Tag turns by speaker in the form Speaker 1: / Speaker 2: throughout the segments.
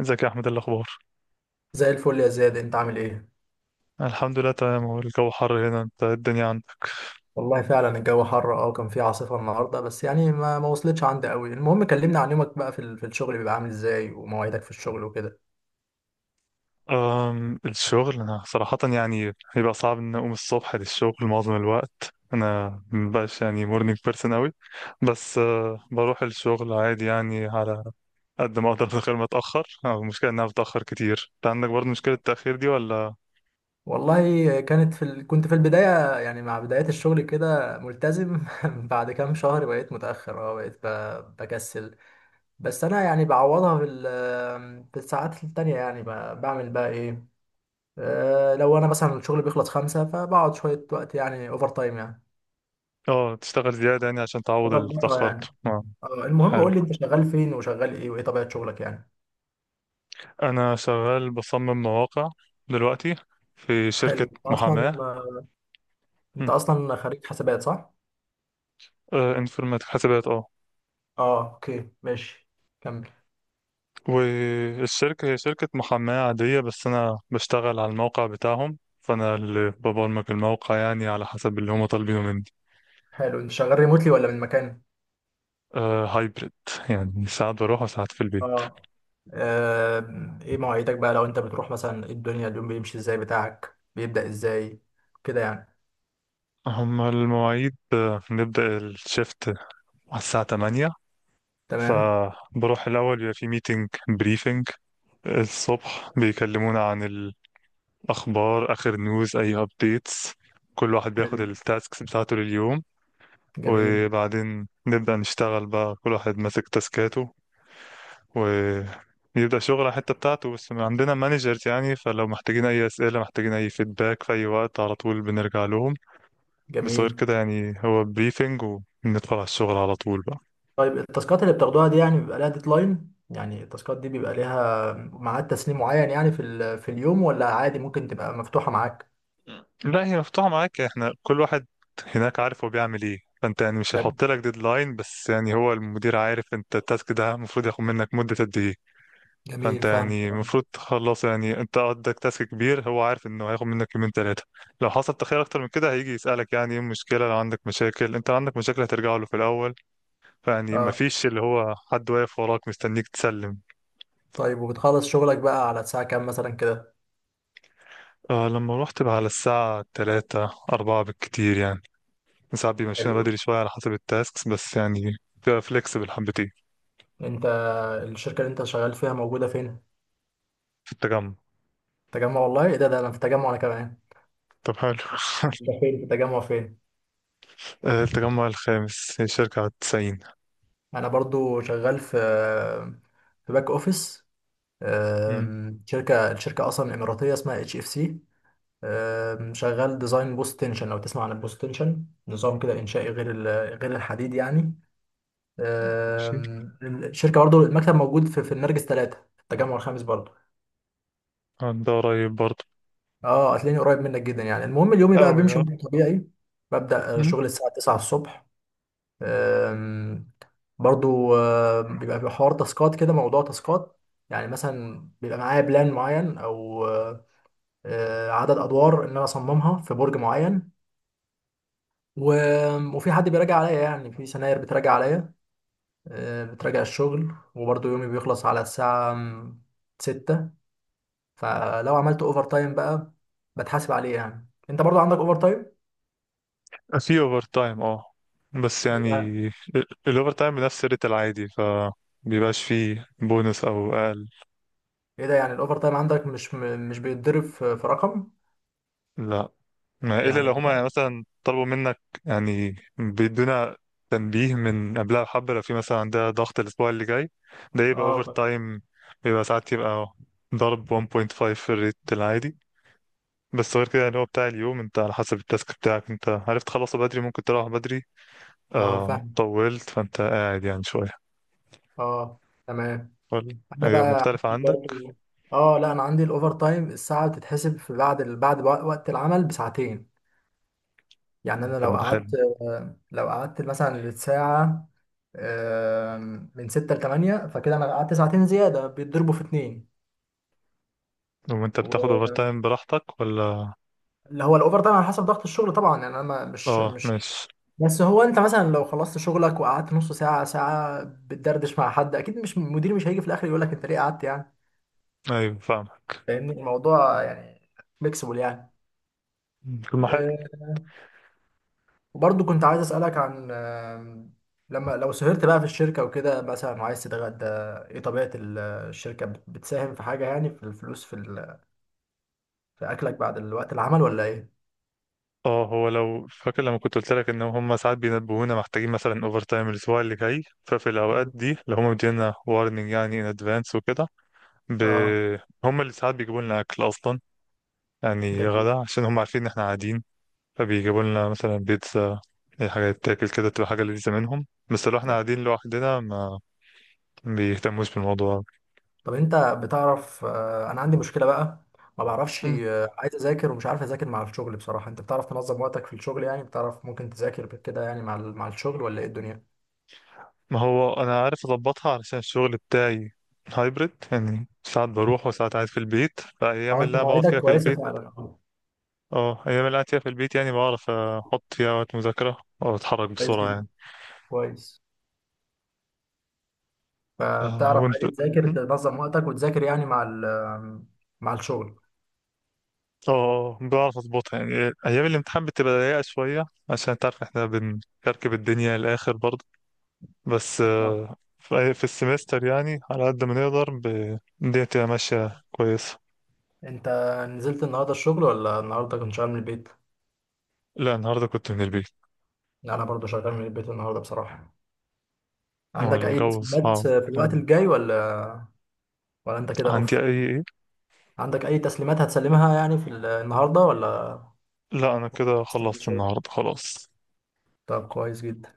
Speaker 1: ازيك يا احمد؟ إيه الاخبار؟
Speaker 2: زي الفل يا زياد، انت عامل ايه؟
Speaker 1: الحمد لله تمام. هو الجو حر هنا، انت إيه الدنيا عندك؟
Speaker 2: والله فعلا الجو حر، كان في عاصفة النهاردة. بس يعني ما وصلتش عندي قوي. المهم، كلمنا عن يومك بقى في الشغل، بيبقى عامل ازاي ومواعيدك في الشغل وكده؟
Speaker 1: الشغل انا صراحه يعني بيبقى صعب ان اقوم الصبح للشغل. معظم الوقت انا مبقاش يعني مورنينج بيرسون اوي، بس بروح الشغل عادي يعني على قد ما اقدر من غير ما اتاخر. المشكله ان انا بتاخر كتير. انت عندك برضه مشكله التاخير دي ولا؟
Speaker 2: والله كنت في البداية يعني مع بداية الشغل كده ملتزم. بعد كام شهر بقيت متأخر، بقيت بكسل. بس انا يعني بعوضها في الساعات التانية. يعني بعمل بقى ايه؟ اه لو انا مثلا الشغل بيخلص خمسة، فبقعد شوية وقت، يعني اوفر تايم يعني،
Speaker 1: اه تشتغل زياده يعني عشان تعوض اللي
Speaker 2: بظبطها
Speaker 1: اتاخرته.
Speaker 2: يعني. المهم
Speaker 1: حلو.
Speaker 2: قول لي انت شغال فين وشغال ايه وايه طبيعة شغلك يعني.
Speaker 1: انا شغال بصمم مواقع دلوقتي في شركه
Speaker 2: حلو.
Speaker 1: محاماه.
Speaker 2: انت اصلا خريج حسابات، صح؟
Speaker 1: آه، انفورماتيك حسابات اه.
Speaker 2: اه، اوكي ماشي، كمل.
Speaker 1: والشركة هي شركة محاماة عادية، بس أنا بشتغل على الموقع بتاعهم، فأنا اللي ببرمج الموقع يعني على حسب اللي هما طالبينه مني.
Speaker 2: حلو. انت شغال ريموتلي ولا من مكان؟
Speaker 1: آه، هايبريد، يعني ساعات بروح وساعات في البيت.
Speaker 2: اه. ايه مواعيدك بقى، لو انت بتروح مثلا، ايه الدنيا اليوم بيمشي ازاي، بتاعك بيبدأ ازاي كده يعني؟
Speaker 1: هما المواعيد، آه، نبدأ الشيفت على الساعة 8،
Speaker 2: تمام.
Speaker 1: فبروح الأول بيبقى في ميتنج بريفنج. الصبح بيكلمونا عن الأخبار، آخر نيوز، أي أبديتس. كل واحد بياخد
Speaker 2: حلو.
Speaker 1: التاسكس بتاعته لليوم.
Speaker 2: جميل
Speaker 1: وبعدين نبدأ نشتغل بقى، كل واحد ماسك تاسكاته ويبدأ شغل على الحتة بتاعته، بس عندنا مانجرز، يعني فلو محتاجين أي أسئلة، محتاجين أي فيدباك في أي وقت، على طول بنرجع لهم. بس غير
Speaker 2: جميل.
Speaker 1: كده يعني هو بريفنج وندخل على الشغل على طول بقى.
Speaker 2: طيب، التاسكات اللي بتاخدوها دي، يعني بيبقى لها ديدلاين، يعني التاسكات دي بيبقى ليها ميعاد تسليم معين يعني في اليوم، ولا عادي ممكن تبقى مفتوحة معاك؟
Speaker 1: لا، هي مفتوحة معاك. احنا كل واحد هناك عارف هو بيعمل ايه، فانت يعني مش هيحط لك ديدلاين، بس يعني هو المدير عارف انت التاسك ده المفروض ياخد منك مدة قد ايه. فانت
Speaker 2: جميل، فاهم،
Speaker 1: يعني المفروض تخلص يعني انت، عندك تاسك كبير هو عارف انه هياخد منك يومين ثلاثه. لو حصل تاخير اكتر من كده هيجي يسالك يعني ايه المشكله. لو عندك مشاكل، انت لو عندك مشاكل هترجع له في الاول. فيعني
Speaker 2: اه.
Speaker 1: مفيش اللي هو حد واقف وراك مستنيك تسلم.
Speaker 2: طيب، وبتخلص شغلك بقى على الساعة كام مثلا كده؟
Speaker 1: آه لما رحت بقى على الساعه 3 4 بالكتير يعني. ساعات بيمشينا
Speaker 2: حلو.
Speaker 1: بدري شويه على حسب التاسكس، بس يعني بتبقى فليكسبل حبتين.
Speaker 2: انت، الشركة اللي انت شغال فيها موجودة فين؟
Speaker 1: في التجمع.
Speaker 2: تجمع! والله ايه ده انا في تجمع انا كمان.
Speaker 1: طب حلو
Speaker 2: انت فين في تجمع فين؟
Speaker 1: آه، التجمع الخامس، هي شركة على التسعين.
Speaker 2: انا برضو شغال في باك اوفيس.
Speaker 1: مم.
Speaker 2: الشركة اصلا اماراتية اسمها اتش اف سي. شغال ديزاين بوست تنشن، لو تسمع عن البوست تنشن، نظام كده انشائي غير الحديد يعني.
Speaker 1: ماشي.
Speaker 2: الشركة برضو المكتب موجود في النرجس 3 في التجمع الخامس برضو.
Speaker 1: آه، ده قريب برضه.
Speaker 2: اه هتلاقيني قريب منك جدا يعني. المهم، اليومي بقى
Speaker 1: أوي
Speaker 2: بيمشي
Speaker 1: اه.
Speaker 2: بشكل طبيعي. ببدأ شغل الساعة 9 الصبح. آم، برضو بيبقى في حوار تاسكات كده، موضوع تاسكات. يعني مثلا بيبقى معايا بلان معين، او عدد ادوار ان انا اصممها في برج معين. وفي حد بيراجع عليا، يعني في سناير بتراجع عليا. بتراجع الشغل. وبرضو يومي بيخلص على الساعة 6. فلو عملت اوفر تايم بقى، بتحاسب عليه؟ يعني انت برضو عندك اوفر تايم؟
Speaker 1: آه، في اوفر تايم اه، بس يعني الاوفر تايم بنفس الريت العادي، ف بيبقاش فيه بونص او اقل.
Speaker 2: ايه ده، يعني الاوفر تايم عندك مش مش بيتضرب في رقم؟
Speaker 1: لا، ما الا
Speaker 2: يعني
Speaker 1: لو هما يعني مثلا طلبوا منك، يعني بيدونا تنبيه من قبلها بحبة، لو في مثلا عندها ضغط الاسبوع اللي جاي، ده يبقى
Speaker 2: اه،
Speaker 1: اوفر تايم. بيبقى ساعات يبقى ضرب 1.5 في الريت العادي. بس غير كده يعني هو بتاع اليوم، انت على حسب التاسك بتاعك، انت عرفت تخلصه بدري ممكن تروح بدري.
Speaker 2: اه،
Speaker 1: آه
Speaker 2: فاهم،
Speaker 1: طولت فانت قاعد يعني شوية.
Speaker 2: اه، تمام.
Speaker 1: ولا
Speaker 2: انا
Speaker 1: هي
Speaker 2: بقى
Speaker 1: مختلفة
Speaker 2: عندي
Speaker 1: عندك؟
Speaker 2: برضو، اه لا، انا عندي الاوفر تايم الساعه بتتحسب بعد وقت العمل بساعتين. يعني انا لو
Speaker 1: طب ده حلو.
Speaker 2: قعدت، لو قعدت مثلا الساعه آه، من 6 ل 8، فكده انا قعدت ساعتين زياده بيتضربوا في اتنين.
Speaker 1: وانت بتاخد اوفر تايم براحتك ولا؟
Speaker 2: اللي هو الاوفر تايم على حسب ضغط الشغل طبعا، يعني انا
Speaker 1: اه
Speaker 2: مش.
Speaker 1: ماشي.
Speaker 2: بس هو انت مثلا لو خلصت شغلك وقعدت نص ساعه ساعه بتدردش مع حد، اكيد مش المدير مش هيجي في الاخر يقول لك انت ليه قعدت يعني.
Speaker 1: ايوه فاهمك.
Speaker 2: فاهمني الموضوع يعني، فليكسبل يعني.
Speaker 1: طب ما حلو.
Speaker 2: آه، وبرضه كنت عايز اسالك عن لما لو سهرت بقى في الشركه وكده مثلا وعايز تتغدى، ايه طبيعه الشركه، بتساهم في حاجه، يعني في الفلوس، في اكلك بعد الوقت العمل، ولا ايه؟
Speaker 1: اه هو لو فاكر لما كنت قلت لك ان هم ساعات بينبهونا محتاجين مثلا اوفر تايم الاسبوع اللي جاي، ففي الاوقات دي اللي هم مدينا وارنينج يعني ان ادفانس وكده، ب...
Speaker 2: اه،
Speaker 1: هم اللي ساعات بيجيبوا لنا اكل اصلا، يعني
Speaker 2: جميل.
Speaker 1: غدا عشان هم عارفين ان احنا قاعدين. فبيجيبوا لنا مثلا بيتزا، اي حاجه تتاكل كده، تبقى حاجه لذيذه منهم. بس لو احنا قاعدين لوحدنا ما بيهتموش بالموضوع.
Speaker 2: طب انت بتعرف، انا عندي مشكله بقى، ما بعرفش، عايز اذاكر ومش عارف اذاكر مع الشغل بصراحه. انت بتعرف تنظم وقتك في الشغل يعني؟ بتعرف ممكن تذاكر كده يعني مع الشغل ولا ايه الدنيا؟
Speaker 1: ما هو انا عارف اظبطها، علشان الشغل بتاعي هايبرد، يعني ساعات بروح وساعات قاعد في البيت. فايام
Speaker 2: اه، انت
Speaker 1: اللي انا بقعد
Speaker 2: مواعيدك
Speaker 1: فيها في
Speaker 2: كويسه
Speaker 1: البيت،
Speaker 2: فعلا، اه.
Speaker 1: اه، ايام اللي قاعد فيها في البيت، يعني بعرف احط فيها وقت مذاكرة او اتحرك
Speaker 2: كويس
Speaker 1: بسرعة
Speaker 2: جدا،
Speaker 1: يعني.
Speaker 2: كويس.
Speaker 1: آه،
Speaker 2: فبتعرف
Speaker 1: وانت
Speaker 2: عادي تذاكر، تنظم وقتك وتذاكر يعني مع الشغل.
Speaker 1: اه. آه، بعرف اظبطها يعني. ايام الامتحان بتبقى ضيقة شوية، عشان انت عارف احنا بنكركب الدنيا الاخر برضه. بس
Speaker 2: آه.
Speaker 1: آه، في السمستر يعني على قد ما نقدر، الدنيا تبقى ماشية كويسة.
Speaker 2: انت نزلت النهارده الشغل ولا النهارده كنت شغال من البيت؟
Speaker 1: لا، النهاردة كنت من البيت.
Speaker 2: لا، انا برضه شغال من البيت النهارده بصراحه.
Speaker 1: هو
Speaker 2: عندك اي
Speaker 1: الجو
Speaker 2: تسليمات
Speaker 1: صعب.
Speaker 2: في الوقت الجاي، ولا ولا انت كده
Speaker 1: عندي
Speaker 2: اوف؟
Speaker 1: اي ايه؟
Speaker 2: عندك أي تسليمات هتسلمها يعني النهاردة ولا؟
Speaker 1: لا، انا كده
Speaker 2: استنى
Speaker 1: خلصت
Speaker 2: شوية.
Speaker 1: النهارده خلاص.
Speaker 2: طب كويس جدا.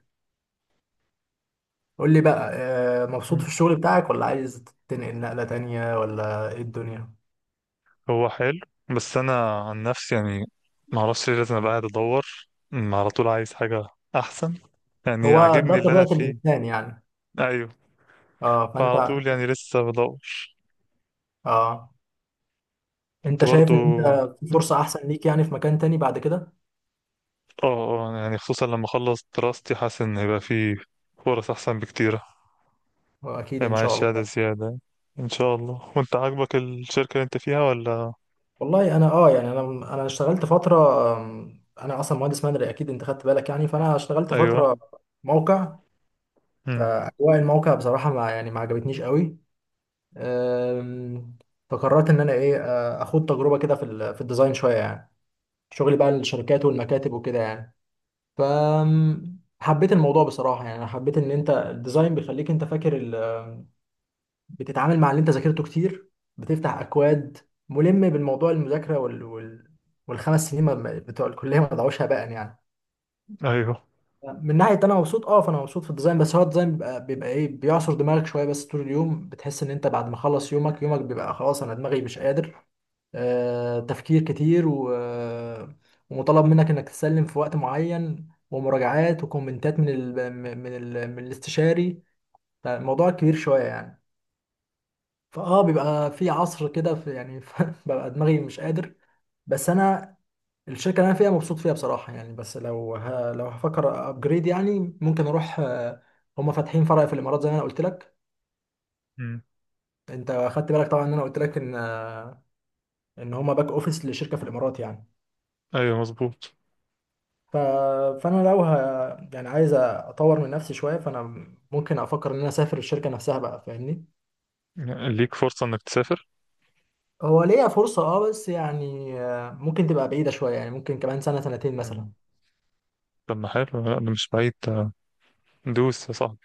Speaker 2: قول لي بقى، مبسوط
Speaker 1: مم.
Speaker 2: في الشغل بتاعك ولا عايز تنقل نقلة تانية ولا إيه الدنيا؟
Speaker 1: هو حلو، بس انا عن نفسي يعني ما اعرفش ليه، لازم ابقى قاعد ادور على طول عايز حاجه احسن. يعني
Speaker 2: هو ده
Speaker 1: عاجبني اللي انا
Speaker 2: طبيعة
Speaker 1: فيه،
Speaker 2: الإنسان يعني.
Speaker 1: ايوه،
Speaker 2: اه، فأنت،
Speaker 1: فعلى طول يعني لسه بدور.
Speaker 2: اه،
Speaker 1: انت
Speaker 2: أنت شايف
Speaker 1: برضو.
Speaker 2: إن أنت في
Speaker 1: مم.
Speaker 2: فرصة أحسن ليك يعني في مكان تاني بعد كده؟
Speaker 1: اه آه، يعني خصوصا لما اخلص دراستي، حاسس ان هيبقى فيه فرص احسن بكتير.
Speaker 2: أكيد
Speaker 1: هيبقى
Speaker 2: إن
Speaker 1: معايا
Speaker 2: شاء الله
Speaker 1: شهاده
Speaker 2: يعني.
Speaker 1: زياده ان شاء الله. وانت عاجبك الشركه اللي انت فيها ولا؟
Speaker 2: والله أنا، اه، يعني أنا اشتغلت فترة. أنا أصلا مهندس مدني، أكيد أنت خدت بالك يعني. فأنا اشتغلت
Speaker 1: ايوه.
Speaker 2: فترة موقع.
Speaker 1: مم.
Speaker 2: فأجواء الموقع بصراحة ما يعني ما عجبتنيش قوي. أم، فقررت ان انا ايه، اخد تجربه كده في الديزاين شويه يعني. شغلي بقى للشركات والمكاتب وكده يعني. ف حبيت الموضوع بصراحه يعني. أنا حبيت ان انت الديزاين بيخليك انت فاكر بتتعامل مع اللي انت ذاكرته كتير، بتفتح اكواد، ملم بالموضوع، المذاكره والخمس سنين بتوع الكليه ما ضيعوش هباء يعني.
Speaker 1: ايوه.
Speaker 2: من ناحيه انا مبسوط، اه. فانا مبسوط في الديزاين. بس هو الديزاين بيبقى، ايه بيعصر دماغك شويه. بس طول اليوم بتحس ان انت بعد ما خلص يومك، يومك بيبقى خلاص، انا دماغي مش قادر. تفكير كتير ومطالب منك انك تسلم في وقت معين، ومراجعات وكومنتات من الاستشاري. فالموضوع كبير شوية يعني. فاه بيبقى في عصر كده في يعني ببقى دماغي مش قادر. بس انا الشركة اللي انا فيها مبسوط فيها بصراحة يعني. بس لو هفكر ابجريد، يعني ممكن اروح، هما فاتحين فرع في الامارات زي ما انا قلت لك.
Speaker 1: مم.
Speaker 2: انت خدت بالك طبعا ان انا قلت لك ان، ان هما باك اوفيس لشركة في الامارات يعني.
Speaker 1: ايوه مظبوط.
Speaker 2: ف... فانا لو ه... يعني عايز اطور من نفسي شويه. فانا ممكن افكر ان انا اسافر الشركه نفسها بقى، فاهمني.
Speaker 1: ليك فرصة إنك تسافر؟
Speaker 2: هو ليا فرصه، اه، بس يعني ممكن تبقى بعيده شويه، يعني ممكن كمان سنه سنتين مثلا.
Speaker 1: مم. طب ما حلو، لا ده مش بعيد ده. دوس يا صاحبي.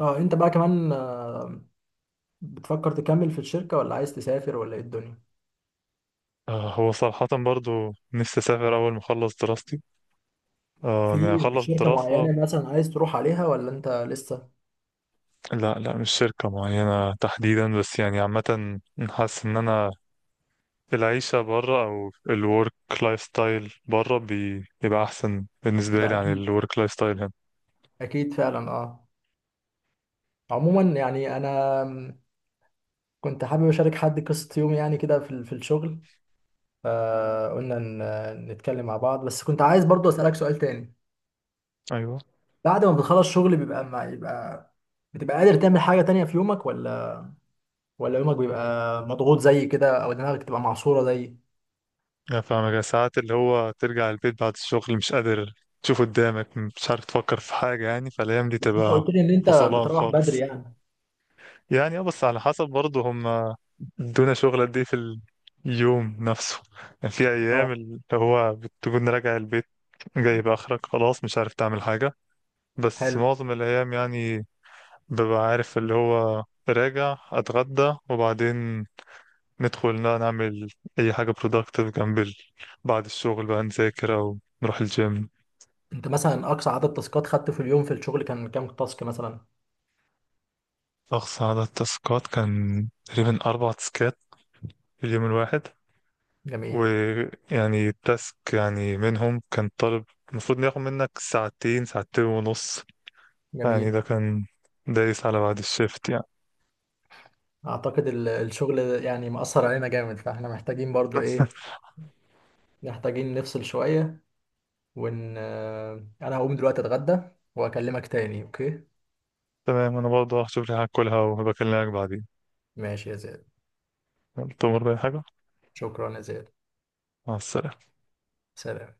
Speaker 2: اه، انت بقى كمان بتفكر تكمل في الشركه ولا عايز تسافر ولا ايه الدنيا؟
Speaker 1: آه هو صراحة برضو نفسي أسافر أول ما أخلص دراستي. آه، يعني
Speaker 2: في
Speaker 1: أخلص
Speaker 2: شركه
Speaker 1: الدراسة.
Speaker 2: معينه مثلا عايز تروح عليها ولا انت لسه؟
Speaker 1: لا لا، مش شركة معينة تحديدا، بس يعني عامة. حاسس إن أنا العيشة برا، أو الورك لايف ستايل برا، بيبقى أحسن بالنسبة
Speaker 2: ده
Speaker 1: لي عن
Speaker 2: اكيد،
Speaker 1: الورك لايف ستايل هنا.
Speaker 2: اكيد فعلا، اه. عموما يعني انا كنت حابب اشارك حد قصه يومي يعني كده في الشغل. فقلنا نتكلم مع بعض. بس كنت عايز برضو أسألك سؤال تاني.
Speaker 1: أيوه.
Speaker 2: بعد ما بتخلص شغل بيبقى ما يبقى، بتبقى قادر تعمل حاجة تانية في يومك ولا؟ ولا يومك بيبقى مضغوط زي كده، أو دماغك بتبقى معصورة زي.
Speaker 1: أنا فاهمك، يا ساعات اللي هو ترجع البيت بعد الشغل مش قادر تشوف قدامك، مش عارف تفكر في حاجة يعني، فالأيام دي
Speaker 2: بس أنت
Speaker 1: تبقى
Speaker 2: قلت لي إن أنت
Speaker 1: فصلان
Speaker 2: بتروح بدري
Speaker 1: خالص.
Speaker 2: يعني.
Speaker 1: يعني اه، بس على حسب برضه هم ادونا شغل قد ايه في اليوم نفسه. يعني في
Speaker 2: اه،
Speaker 1: أيام اللي هو بتكون راجع البيت جايب آخرك، خلاص مش عارف تعمل حاجة. بس
Speaker 2: حلو.
Speaker 1: معظم الأيام يعني ببقى عارف، اللي هو راجع أتغدى وبعدين ندخل نعمل أي حاجة productive، جنب بعد الشغل بقى نذاكر أو نروح الجيم.
Speaker 2: أنت مثلا أقصى عدد تاسكات خدته في اليوم في الشغل كان كام تاسك مثلا؟
Speaker 1: أقصى عدد تاسكات كان تقريبا أربع تاسكات في اليوم الواحد.
Speaker 2: جميل
Speaker 1: ويعني تاسك يعني منهم كان طالب، المفروض إنه ياخد منك ساعتين، ساعتين ونص يعني.
Speaker 2: جميل.
Speaker 1: ده كان دايس على بعد الشيفت يعني.
Speaker 2: أعتقد الشغل يعني مأثر علينا جامد، فإحنا محتاجين برضو إيه، محتاجين نفصل شوية. وان انا هقوم دلوقتي اتغدى واكلمك تاني، اوكي؟
Speaker 1: تمام، أنا برضه هشوف لي حاجة أكلها وبكلمك بعدين.
Speaker 2: ماشي يا زياد.
Speaker 1: تمر بأي حاجة.
Speaker 2: شكرا يا زياد.
Speaker 1: مع السلامة.
Speaker 2: سلام.